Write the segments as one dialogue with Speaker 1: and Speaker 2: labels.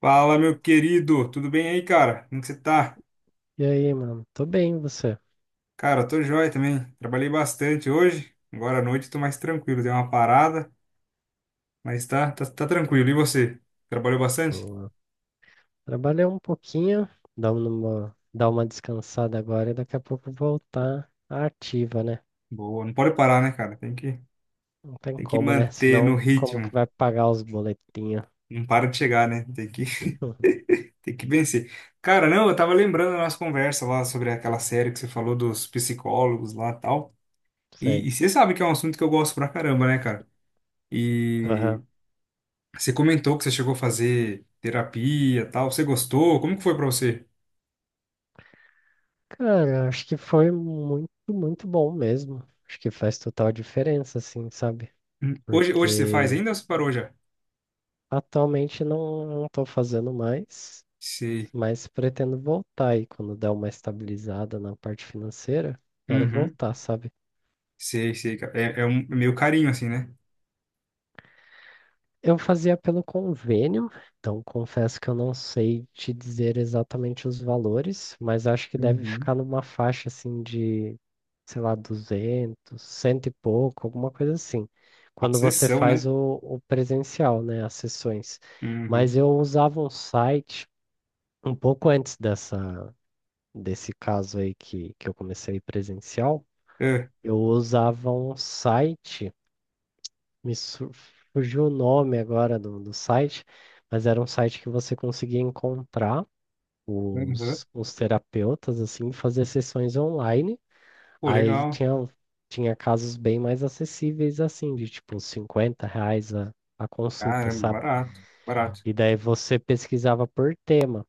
Speaker 1: Fala, meu querido, tudo bem aí, cara? Como que você tá?
Speaker 2: E aí, mano? Tô bem, e você?
Speaker 1: Cara, tô joia também. Trabalhei bastante hoje. Agora à noite tô mais tranquilo, dei uma parada, mas tá tranquilo. E você? Trabalhou bastante?
Speaker 2: Boa. Trabalhei um pouquinho, dar uma descansada agora e daqui a pouco voltar à ativa, né?
Speaker 1: Boa, não pode parar, né, cara?
Speaker 2: Não tem
Speaker 1: Tem que
Speaker 2: como, né?
Speaker 1: manter no
Speaker 2: Senão, como que
Speaker 1: ritmo.
Speaker 2: vai pagar os boletinhos?
Speaker 1: Não para de chegar, né? Tem que, tem que vencer. Cara, não, eu tava lembrando da nossa conversa lá sobre aquela série que você falou dos psicólogos lá e tal. E,
Speaker 2: Sei.
Speaker 1: e você sabe que é um assunto que eu gosto pra caramba, né, cara?
Speaker 2: Aham.
Speaker 1: E Você comentou que você chegou a fazer terapia, tal. Você gostou? Como que foi pra você?
Speaker 2: Cara, acho que foi muito, muito bom mesmo. Acho que faz total diferença, assim, sabe?
Speaker 1: Hoje, você faz
Speaker 2: Porque
Speaker 1: ainda ou você parou já?
Speaker 2: atualmente não tô fazendo mais.
Speaker 1: Sei.
Speaker 2: Mas pretendo voltar aí quando der uma estabilizada na parte financeira. Quero
Speaker 1: Uhum.
Speaker 2: voltar, sabe?
Speaker 1: Sei, sei, cara. É meio carinho assim, né?
Speaker 2: Eu fazia pelo convênio, então confesso que eu não sei te dizer exatamente os valores, mas acho que deve
Speaker 1: Uhum.
Speaker 2: ficar numa faixa assim de, sei lá, 200, cento e pouco, alguma coisa assim.
Speaker 1: A
Speaker 2: Quando você
Speaker 1: sessão,
Speaker 2: faz
Speaker 1: né?
Speaker 2: o presencial, né, as sessões. Mas
Speaker 1: Uhum.
Speaker 2: eu usava um site um pouco antes desse caso aí que eu comecei presencial.
Speaker 1: É.
Speaker 2: Eu usava um site, me su- fugiu o nome agora do site, mas era um site que você conseguia encontrar
Speaker 1: Uhum.
Speaker 2: os terapeutas, assim, e fazer sessões online.
Speaker 1: Pô,
Speaker 2: Aí
Speaker 1: legal.
Speaker 2: tinha casos bem mais acessíveis, assim, de tipo R$ 50 a consulta,
Speaker 1: Caramba,
Speaker 2: sabe?
Speaker 1: barato, barato.
Speaker 2: E daí você pesquisava por tema,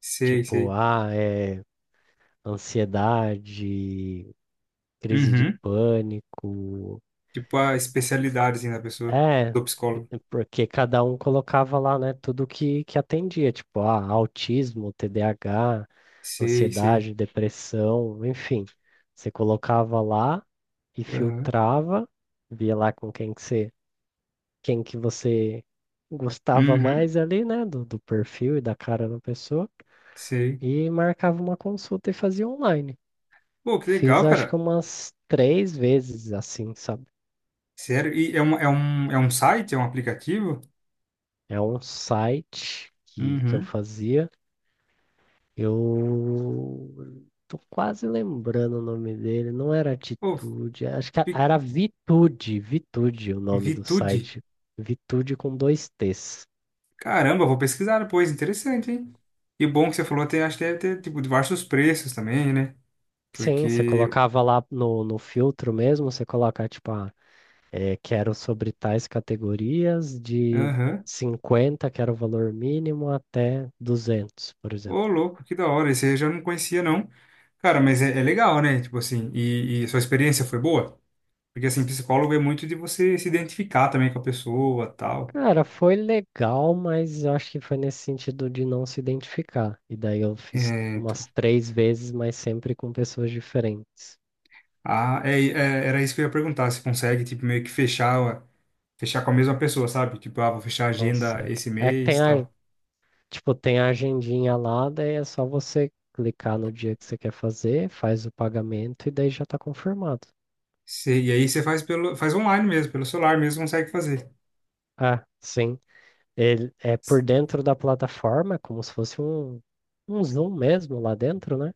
Speaker 1: Sei,
Speaker 2: tipo,
Speaker 1: sei.
Speaker 2: ah, é ansiedade, crise de
Speaker 1: Uhum.
Speaker 2: pânico.
Speaker 1: Tipo a especialidade assim da pessoa,
Speaker 2: É.
Speaker 1: do psicólogo.
Speaker 2: Porque cada um colocava lá, né, tudo que atendia, tipo, ah, autismo, TDAH,
Speaker 1: Sei, sei.
Speaker 2: ansiedade, depressão, enfim. Você colocava lá e
Speaker 1: Uhum.
Speaker 2: filtrava, via lá com quem que você gostava
Speaker 1: Uhum.
Speaker 2: mais ali, né, do perfil e da cara da pessoa,
Speaker 1: Sei.
Speaker 2: e marcava uma consulta e fazia online.
Speaker 1: Pô, que
Speaker 2: Fiz
Speaker 1: legal,
Speaker 2: acho que
Speaker 1: cara.
Speaker 2: umas três vezes assim, sabe?
Speaker 1: Sério? E é um site? É um aplicativo?
Speaker 2: É um site que eu
Speaker 1: Uhum.
Speaker 2: fazia. Eu tô quase lembrando o nome dele. Não era
Speaker 1: Pô,
Speaker 2: Atitude, acho que
Speaker 1: vi-
Speaker 2: era Vitude, Vitude o nome do
Speaker 1: Vitude.
Speaker 2: site. Vitude com dois T's.
Speaker 1: Caramba, eu vou pesquisar depois. Interessante, hein? E bom que você falou, tem, acho que deve ter, tipo, diversos preços também, né?
Speaker 2: Sim, você
Speaker 1: Porque...
Speaker 2: colocava lá no filtro mesmo, você coloca tipo, ah, é, quero sobre tais categorias de
Speaker 1: Aham.
Speaker 2: 50, que era o valor mínimo, até 200, por
Speaker 1: Ô,
Speaker 2: exemplo.
Speaker 1: louco, que da hora. Esse eu já não conhecia, não. Cara, mas é, é legal, né? Tipo assim, e sua experiência foi boa? Porque, assim, psicólogo é muito de você se identificar também com a pessoa, tal.
Speaker 2: Cara, foi legal, mas eu acho que foi nesse sentido de não se identificar. E daí eu
Speaker 1: É,
Speaker 2: fiz
Speaker 1: então...
Speaker 2: umas três vezes, mas sempre com pessoas diferentes.
Speaker 1: Era isso que eu ia perguntar. Se consegue, tipo, meio que fechar... Fechar com a mesma pessoa, sabe? Tipo, ah, vou fechar a agenda
Speaker 2: Consegue.
Speaker 1: esse
Speaker 2: É que tem
Speaker 1: mês,
Speaker 2: a,
Speaker 1: tal.
Speaker 2: tipo, tem a agendinha lá, daí é só você clicar no dia que você quer fazer, faz o pagamento e daí já tá confirmado.
Speaker 1: Sei, e aí você faz pelo, faz online mesmo, pelo celular mesmo consegue fazer.
Speaker 2: Ah, sim. Ele é por dentro da plataforma, é como se fosse um Zoom mesmo lá dentro, né?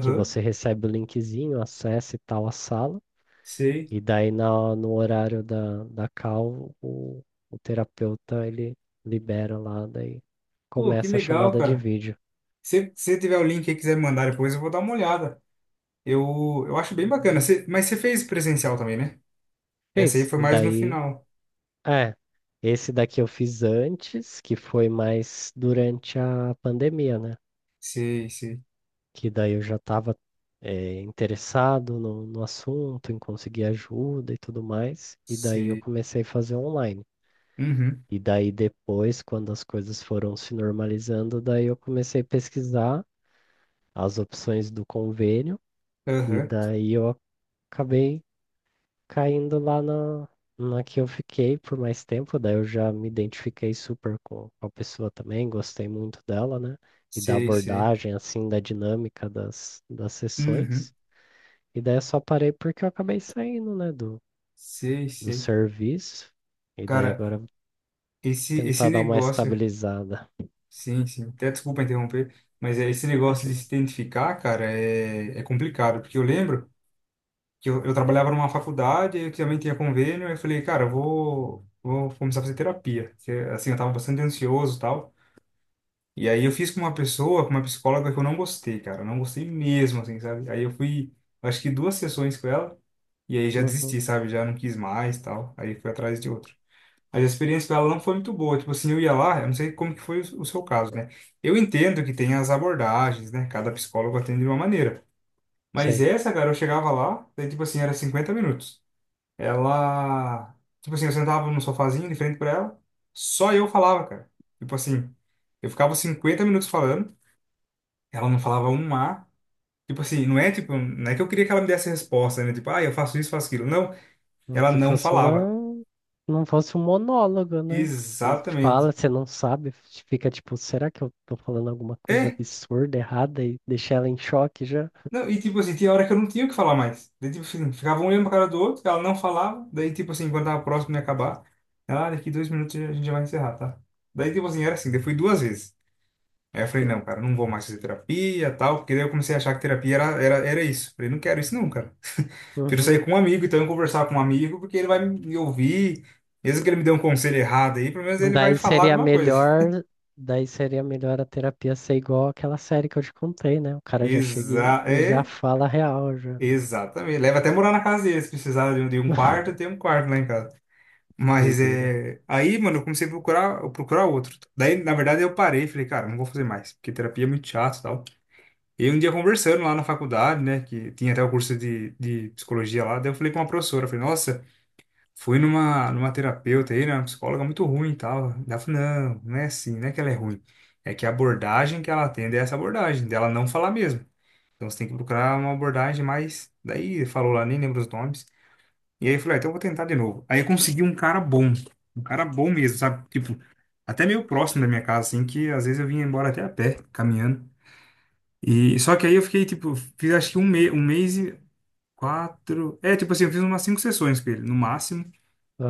Speaker 2: Que você recebe o linkzinho, acessa e tal a sala.
Speaker 1: sei.
Speaker 2: E daí no horário da call, o terapeuta ele libera lá, daí
Speaker 1: Pô, que
Speaker 2: começa a
Speaker 1: legal,
Speaker 2: chamada de
Speaker 1: cara.
Speaker 2: vídeo.
Speaker 1: Se você tiver o link e quiser me mandar depois, eu vou dar uma olhada. Eu, eu acho bem bacana. Mas você fez presencial também, né? Essa aí
Speaker 2: Fez.
Speaker 1: foi
Speaker 2: E
Speaker 1: mais no
Speaker 2: daí,
Speaker 1: final.
Speaker 2: é, esse daqui eu fiz antes, que foi mais durante a pandemia, né?
Speaker 1: Sei, sei,
Speaker 2: Que daí eu já estava interessado no assunto, em conseguir ajuda e tudo mais. E daí eu
Speaker 1: sei.
Speaker 2: comecei a fazer online.
Speaker 1: Uhum,
Speaker 2: E daí depois, quando as coisas foram se normalizando, daí eu comecei a pesquisar as opções do convênio, e
Speaker 1: aham,
Speaker 2: daí eu acabei caindo lá na que eu fiquei por mais tempo, daí eu já me identifiquei super com a pessoa também, gostei muito dela, né? E da
Speaker 1: sei, sei.
Speaker 2: abordagem, assim, da dinâmica das
Speaker 1: Uhum,
Speaker 2: sessões. E daí eu só parei porque eu acabei saindo, né, do,
Speaker 1: sei,
Speaker 2: do
Speaker 1: sei.
Speaker 2: serviço. E daí
Speaker 1: Cara,
Speaker 2: agora eu vou
Speaker 1: esse
Speaker 2: tentar dar uma
Speaker 1: negócio,
Speaker 2: estabilizada.
Speaker 1: sim, sim. Até desculpa interromper, mas é, esse negócio de se
Speaker 2: Imagina.
Speaker 1: identificar, cara, é, é complicado, porque eu lembro que eu trabalhava numa faculdade, e que também tinha convênio, aí eu falei, cara, eu vou começar a fazer terapia. Porque, assim, eu tava bastante ansioso e tal. E aí eu fiz com uma pessoa, com uma psicóloga que eu não gostei, cara. Eu não gostei mesmo, assim, sabe? Aí eu fui, acho que duas sessões com ela, e aí já
Speaker 2: Uhum,
Speaker 1: desisti, sabe? Já não quis mais e tal. Aí fui atrás de outro. Mas a experiência com ela não foi muito boa. Tipo assim, eu ia lá, eu não sei como que foi o seu caso, né? Eu entendo que tem as abordagens, né? Cada psicólogo atende de uma maneira. Mas
Speaker 2: sei.
Speaker 1: essa, cara, eu chegava lá, daí, tipo assim, era 50 minutos ela. Tipo assim, eu sentava num sofazinho de frente pra ela, só eu falava, cara. Tipo assim, eu ficava 50 minutos falando, ela não falava um A. Tipo assim, não é tipo, não é que eu queria que ela me desse a resposta, né? Tipo, ah, eu faço isso, faço aquilo. Não, ela
Speaker 2: Que
Speaker 1: não
Speaker 2: fosse
Speaker 1: falava.
Speaker 2: uma. Não fosse um monólogo, né? Você fala,
Speaker 1: Exatamente.
Speaker 2: você não sabe, fica tipo, será que eu tô falando alguma coisa
Speaker 1: É,
Speaker 2: absurda, errada e deixa ela em choque já?
Speaker 1: não, e tipo assim, tinha hora que eu não tinha o que falar mais. Daí, tipo assim, ficava um olhando pra cara do outro, ela não falava, daí, tipo assim, quando tava próximo de acabar, ela, ah, daqui 2 minutos a gente já vai encerrar, tá? Daí, tipo assim, era assim, daí fui duas vezes. Aí eu falei, não, cara, não vou mais fazer terapia tal, porque daí eu comecei a achar que terapia era isso. Falei, não quero isso não, cara. Prefiro
Speaker 2: Uhum.
Speaker 1: sair com um amigo, então eu conversar com um amigo, porque ele vai me ouvir. Mesmo que ele me dê um conselho errado aí, pelo menos ele vai
Speaker 2: Daí
Speaker 1: falar
Speaker 2: seria
Speaker 1: alguma coisa.
Speaker 2: melhor, daí seria melhor a terapia ser igual aquela série que eu te contei, né? O cara já chega
Speaker 1: Exa
Speaker 2: e já
Speaker 1: é,
Speaker 2: fala a real já.
Speaker 1: Exatamente. Leva até morar na casa dele, se precisar de um quarto, tem um quarto lá em casa. Mas
Speaker 2: Doideira.
Speaker 1: é. Aí, mano, eu comecei a procurar, procurar outro. Daí, na verdade, eu parei, e falei, cara, não vou fazer mais, porque terapia é muito chato e tal. E um dia conversando lá na faculdade, né, que tinha até o curso de psicologia lá, daí eu falei com uma professora, eu falei, nossa, fui numa terapeuta aí, né, uma psicóloga muito ruim e tal. Daí ela falou, não, não é assim, não é que ela é ruim, é que a abordagem que ela atende é essa abordagem, dela não falar mesmo. Então você tem que procurar uma abordagem mais. Daí falou lá, nem lembro os nomes. E aí eu falei, ah, então eu vou tentar de novo. Aí eu consegui um cara bom mesmo, sabe? Tipo, até meio próximo da minha casa, assim, que às vezes eu vinha embora até a pé, caminhando. E só que aí eu fiquei, tipo, fiz acho que um, me um mês e quatro. É, tipo assim, eu fiz umas cinco sessões com ele, no máximo.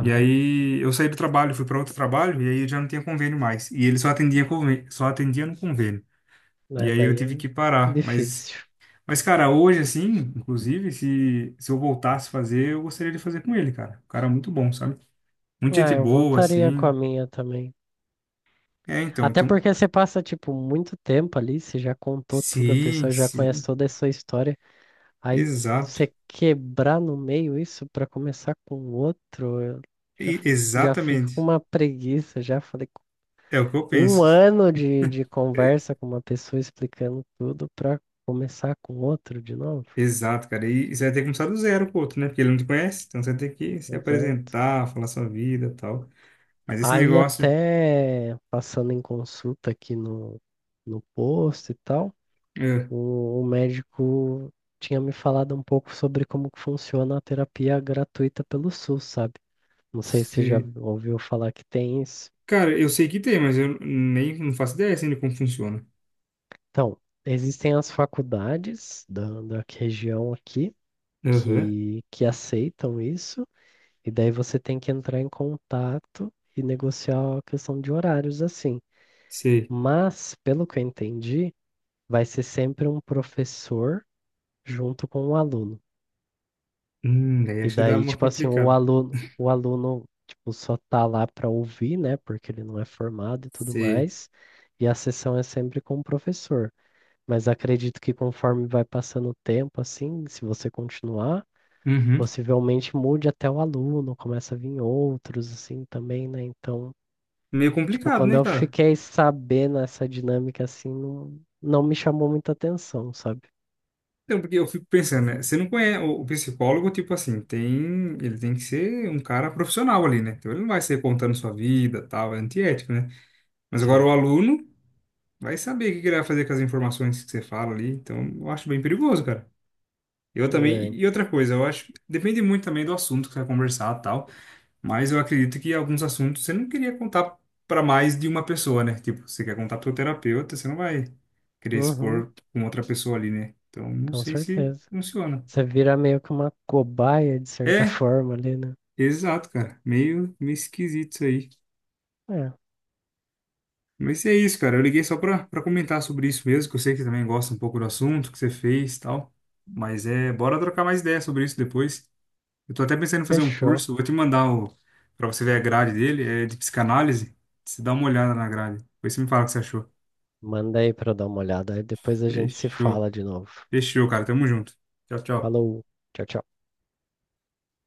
Speaker 1: E aí eu saí do trabalho, fui para outro trabalho, e aí eu já não tinha convênio mais. E ele só atendia, só atendia no convênio.
Speaker 2: Né,
Speaker 1: E aí eu
Speaker 2: daí
Speaker 1: tive
Speaker 2: é
Speaker 1: que parar.
Speaker 2: difícil.
Speaker 1: Mas cara, hoje, assim, inclusive, se eu voltasse a fazer, eu gostaria de fazer com ele, cara. O cara é muito bom, sabe? Muita
Speaker 2: Ah,
Speaker 1: gente
Speaker 2: eu
Speaker 1: boa,
Speaker 2: voltaria com a
Speaker 1: assim.
Speaker 2: minha também.
Speaker 1: É, então,
Speaker 2: Até
Speaker 1: então.
Speaker 2: porque você passa, tipo, muito tempo ali, você já contou tudo, a
Speaker 1: Sim,
Speaker 2: pessoa já conhece
Speaker 1: sim.
Speaker 2: toda a sua história. Aí
Speaker 1: Exato.
Speaker 2: você quebrar no meio isso pra começar com outro, eu já, já fico com
Speaker 1: Exatamente.
Speaker 2: uma preguiça. Já falei,
Speaker 1: É o que eu
Speaker 2: um
Speaker 1: penso.
Speaker 2: ano de conversa com uma pessoa explicando tudo pra começar com outro de novo.
Speaker 1: Exato, cara. E você vai ter que começar do zero com o outro, né? Porque ele não te conhece, então você vai ter que se
Speaker 2: Exato.
Speaker 1: apresentar, falar sua vida e tal. Mas esse
Speaker 2: Aí
Speaker 1: negócio.
Speaker 2: até passando em consulta aqui no posto e tal.
Speaker 1: é,
Speaker 2: O médico tinha me falado um pouco sobre como que funciona a terapia gratuita pelo SUS, sabe? Não sei se já
Speaker 1: se-
Speaker 2: ouviu falar que tem isso.
Speaker 1: Cara, eu sei que tem, mas eu nem não faço ideia assim de como funciona.
Speaker 2: Então, existem as faculdades da região aqui
Speaker 1: Aham,
Speaker 2: que aceitam isso, e daí você tem que entrar em contato e negociar a questão de horários, assim.
Speaker 1: sei.
Speaker 2: Mas, pelo que eu entendi, vai ser sempre um professor junto com o aluno.
Speaker 1: Daí
Speaker 2: E
Speaker 1: acho que dá
Speaker 2: daí,
Speaker 1: uma
Speaker 2: tipo assim, o
Speaker 1: complicada.
Speaker 2: aluno, o aluno, tipo, só tá lá para ouvir, né? Porque ele não é formado e tudo
Speaker 1: Sei.
Speaker 2: mais. E a sessão é sempre com o professor. Mas acredito que conforme vai passando o tempo, assim, se você continuar,
Speaker 1: Uhum.
Speaker 2: possivelmente mude até o aluno, começa a vir outros, assim, também, né? Então,
Speaker 1: Meio
Speaker 2: tipo,
Speaker 1: complicado,
Speaker 2: quando
Speaker 1: né,
Speaker 2: eu
Speaker 1: cara?
Speaker 2: fiquei sabendo essa dinâmica, assim, não me chamou muita atenção, sabe?
Speaker 1: Então, porque eu fico pensando, né? Você não conhece o psicólogo, tipo assim, tem, ele tem que ser um cara profissional ali, né? Então ele não vai ser contando sua vida, tal, é antiético, né? Mas agora
Speaker 2: Sim.
Speaker 1: o aluno. Vai saber o que que ele vai fazer com as informações que você fala ali. Então, eu acho bem perigoso, cara. Eu também. E
Speaker 2: É.
Speaker 1: outra coisa, eu acho. Depende muito também do assunto que você vai conversar e tal. Mas eu acredito que alguns assuntos você não queria contar para mais de uma pessoa, né? Tipo, você quer contar pro seu terapeuta, você não vai querer
Speaker 2: Uhum,
Speaker 1: expor com outra pessoa ali, né? Então, não
Speaker 2: com
Speaker 1: sei se
Speaker 2: certeza.
Speaker 1: funciona.
Speaker 2: Você vira meio que uma cobaia, de certa
Speaker 1: É,
Speaker 2: forma, ali, né?
Speaker 1: exato, cara. Meio, meio esquisito isso aí.
Speaker 2: É,
Speaker 1: Mas é isso, cara. Eu liguei só pra comentar sobre isso mesmo, que eu sei que você também gosta um pouco do assunto que você fez e tal. Mas é, bora trocar mais ideias sobre isso depois. Eu tô até pensando em fazer um
Speaker 2: fechou.
Speaker 1: curso, vou te mandar o, pra você ver a grade dele, é de psicanálise. Você dá uma olhada na grade. Depois você me fala o que você achou.
Speaker 2: Manda aí pra eu dar uma olhada. Aí depois a gente se
Speaker 1: Fechou.
Speaker 2: fala de novo.
Speaker 1: Fechou, cara. Tamo junto. Tchau, tchau.
Speaker 2: Falou, tchau, tchau.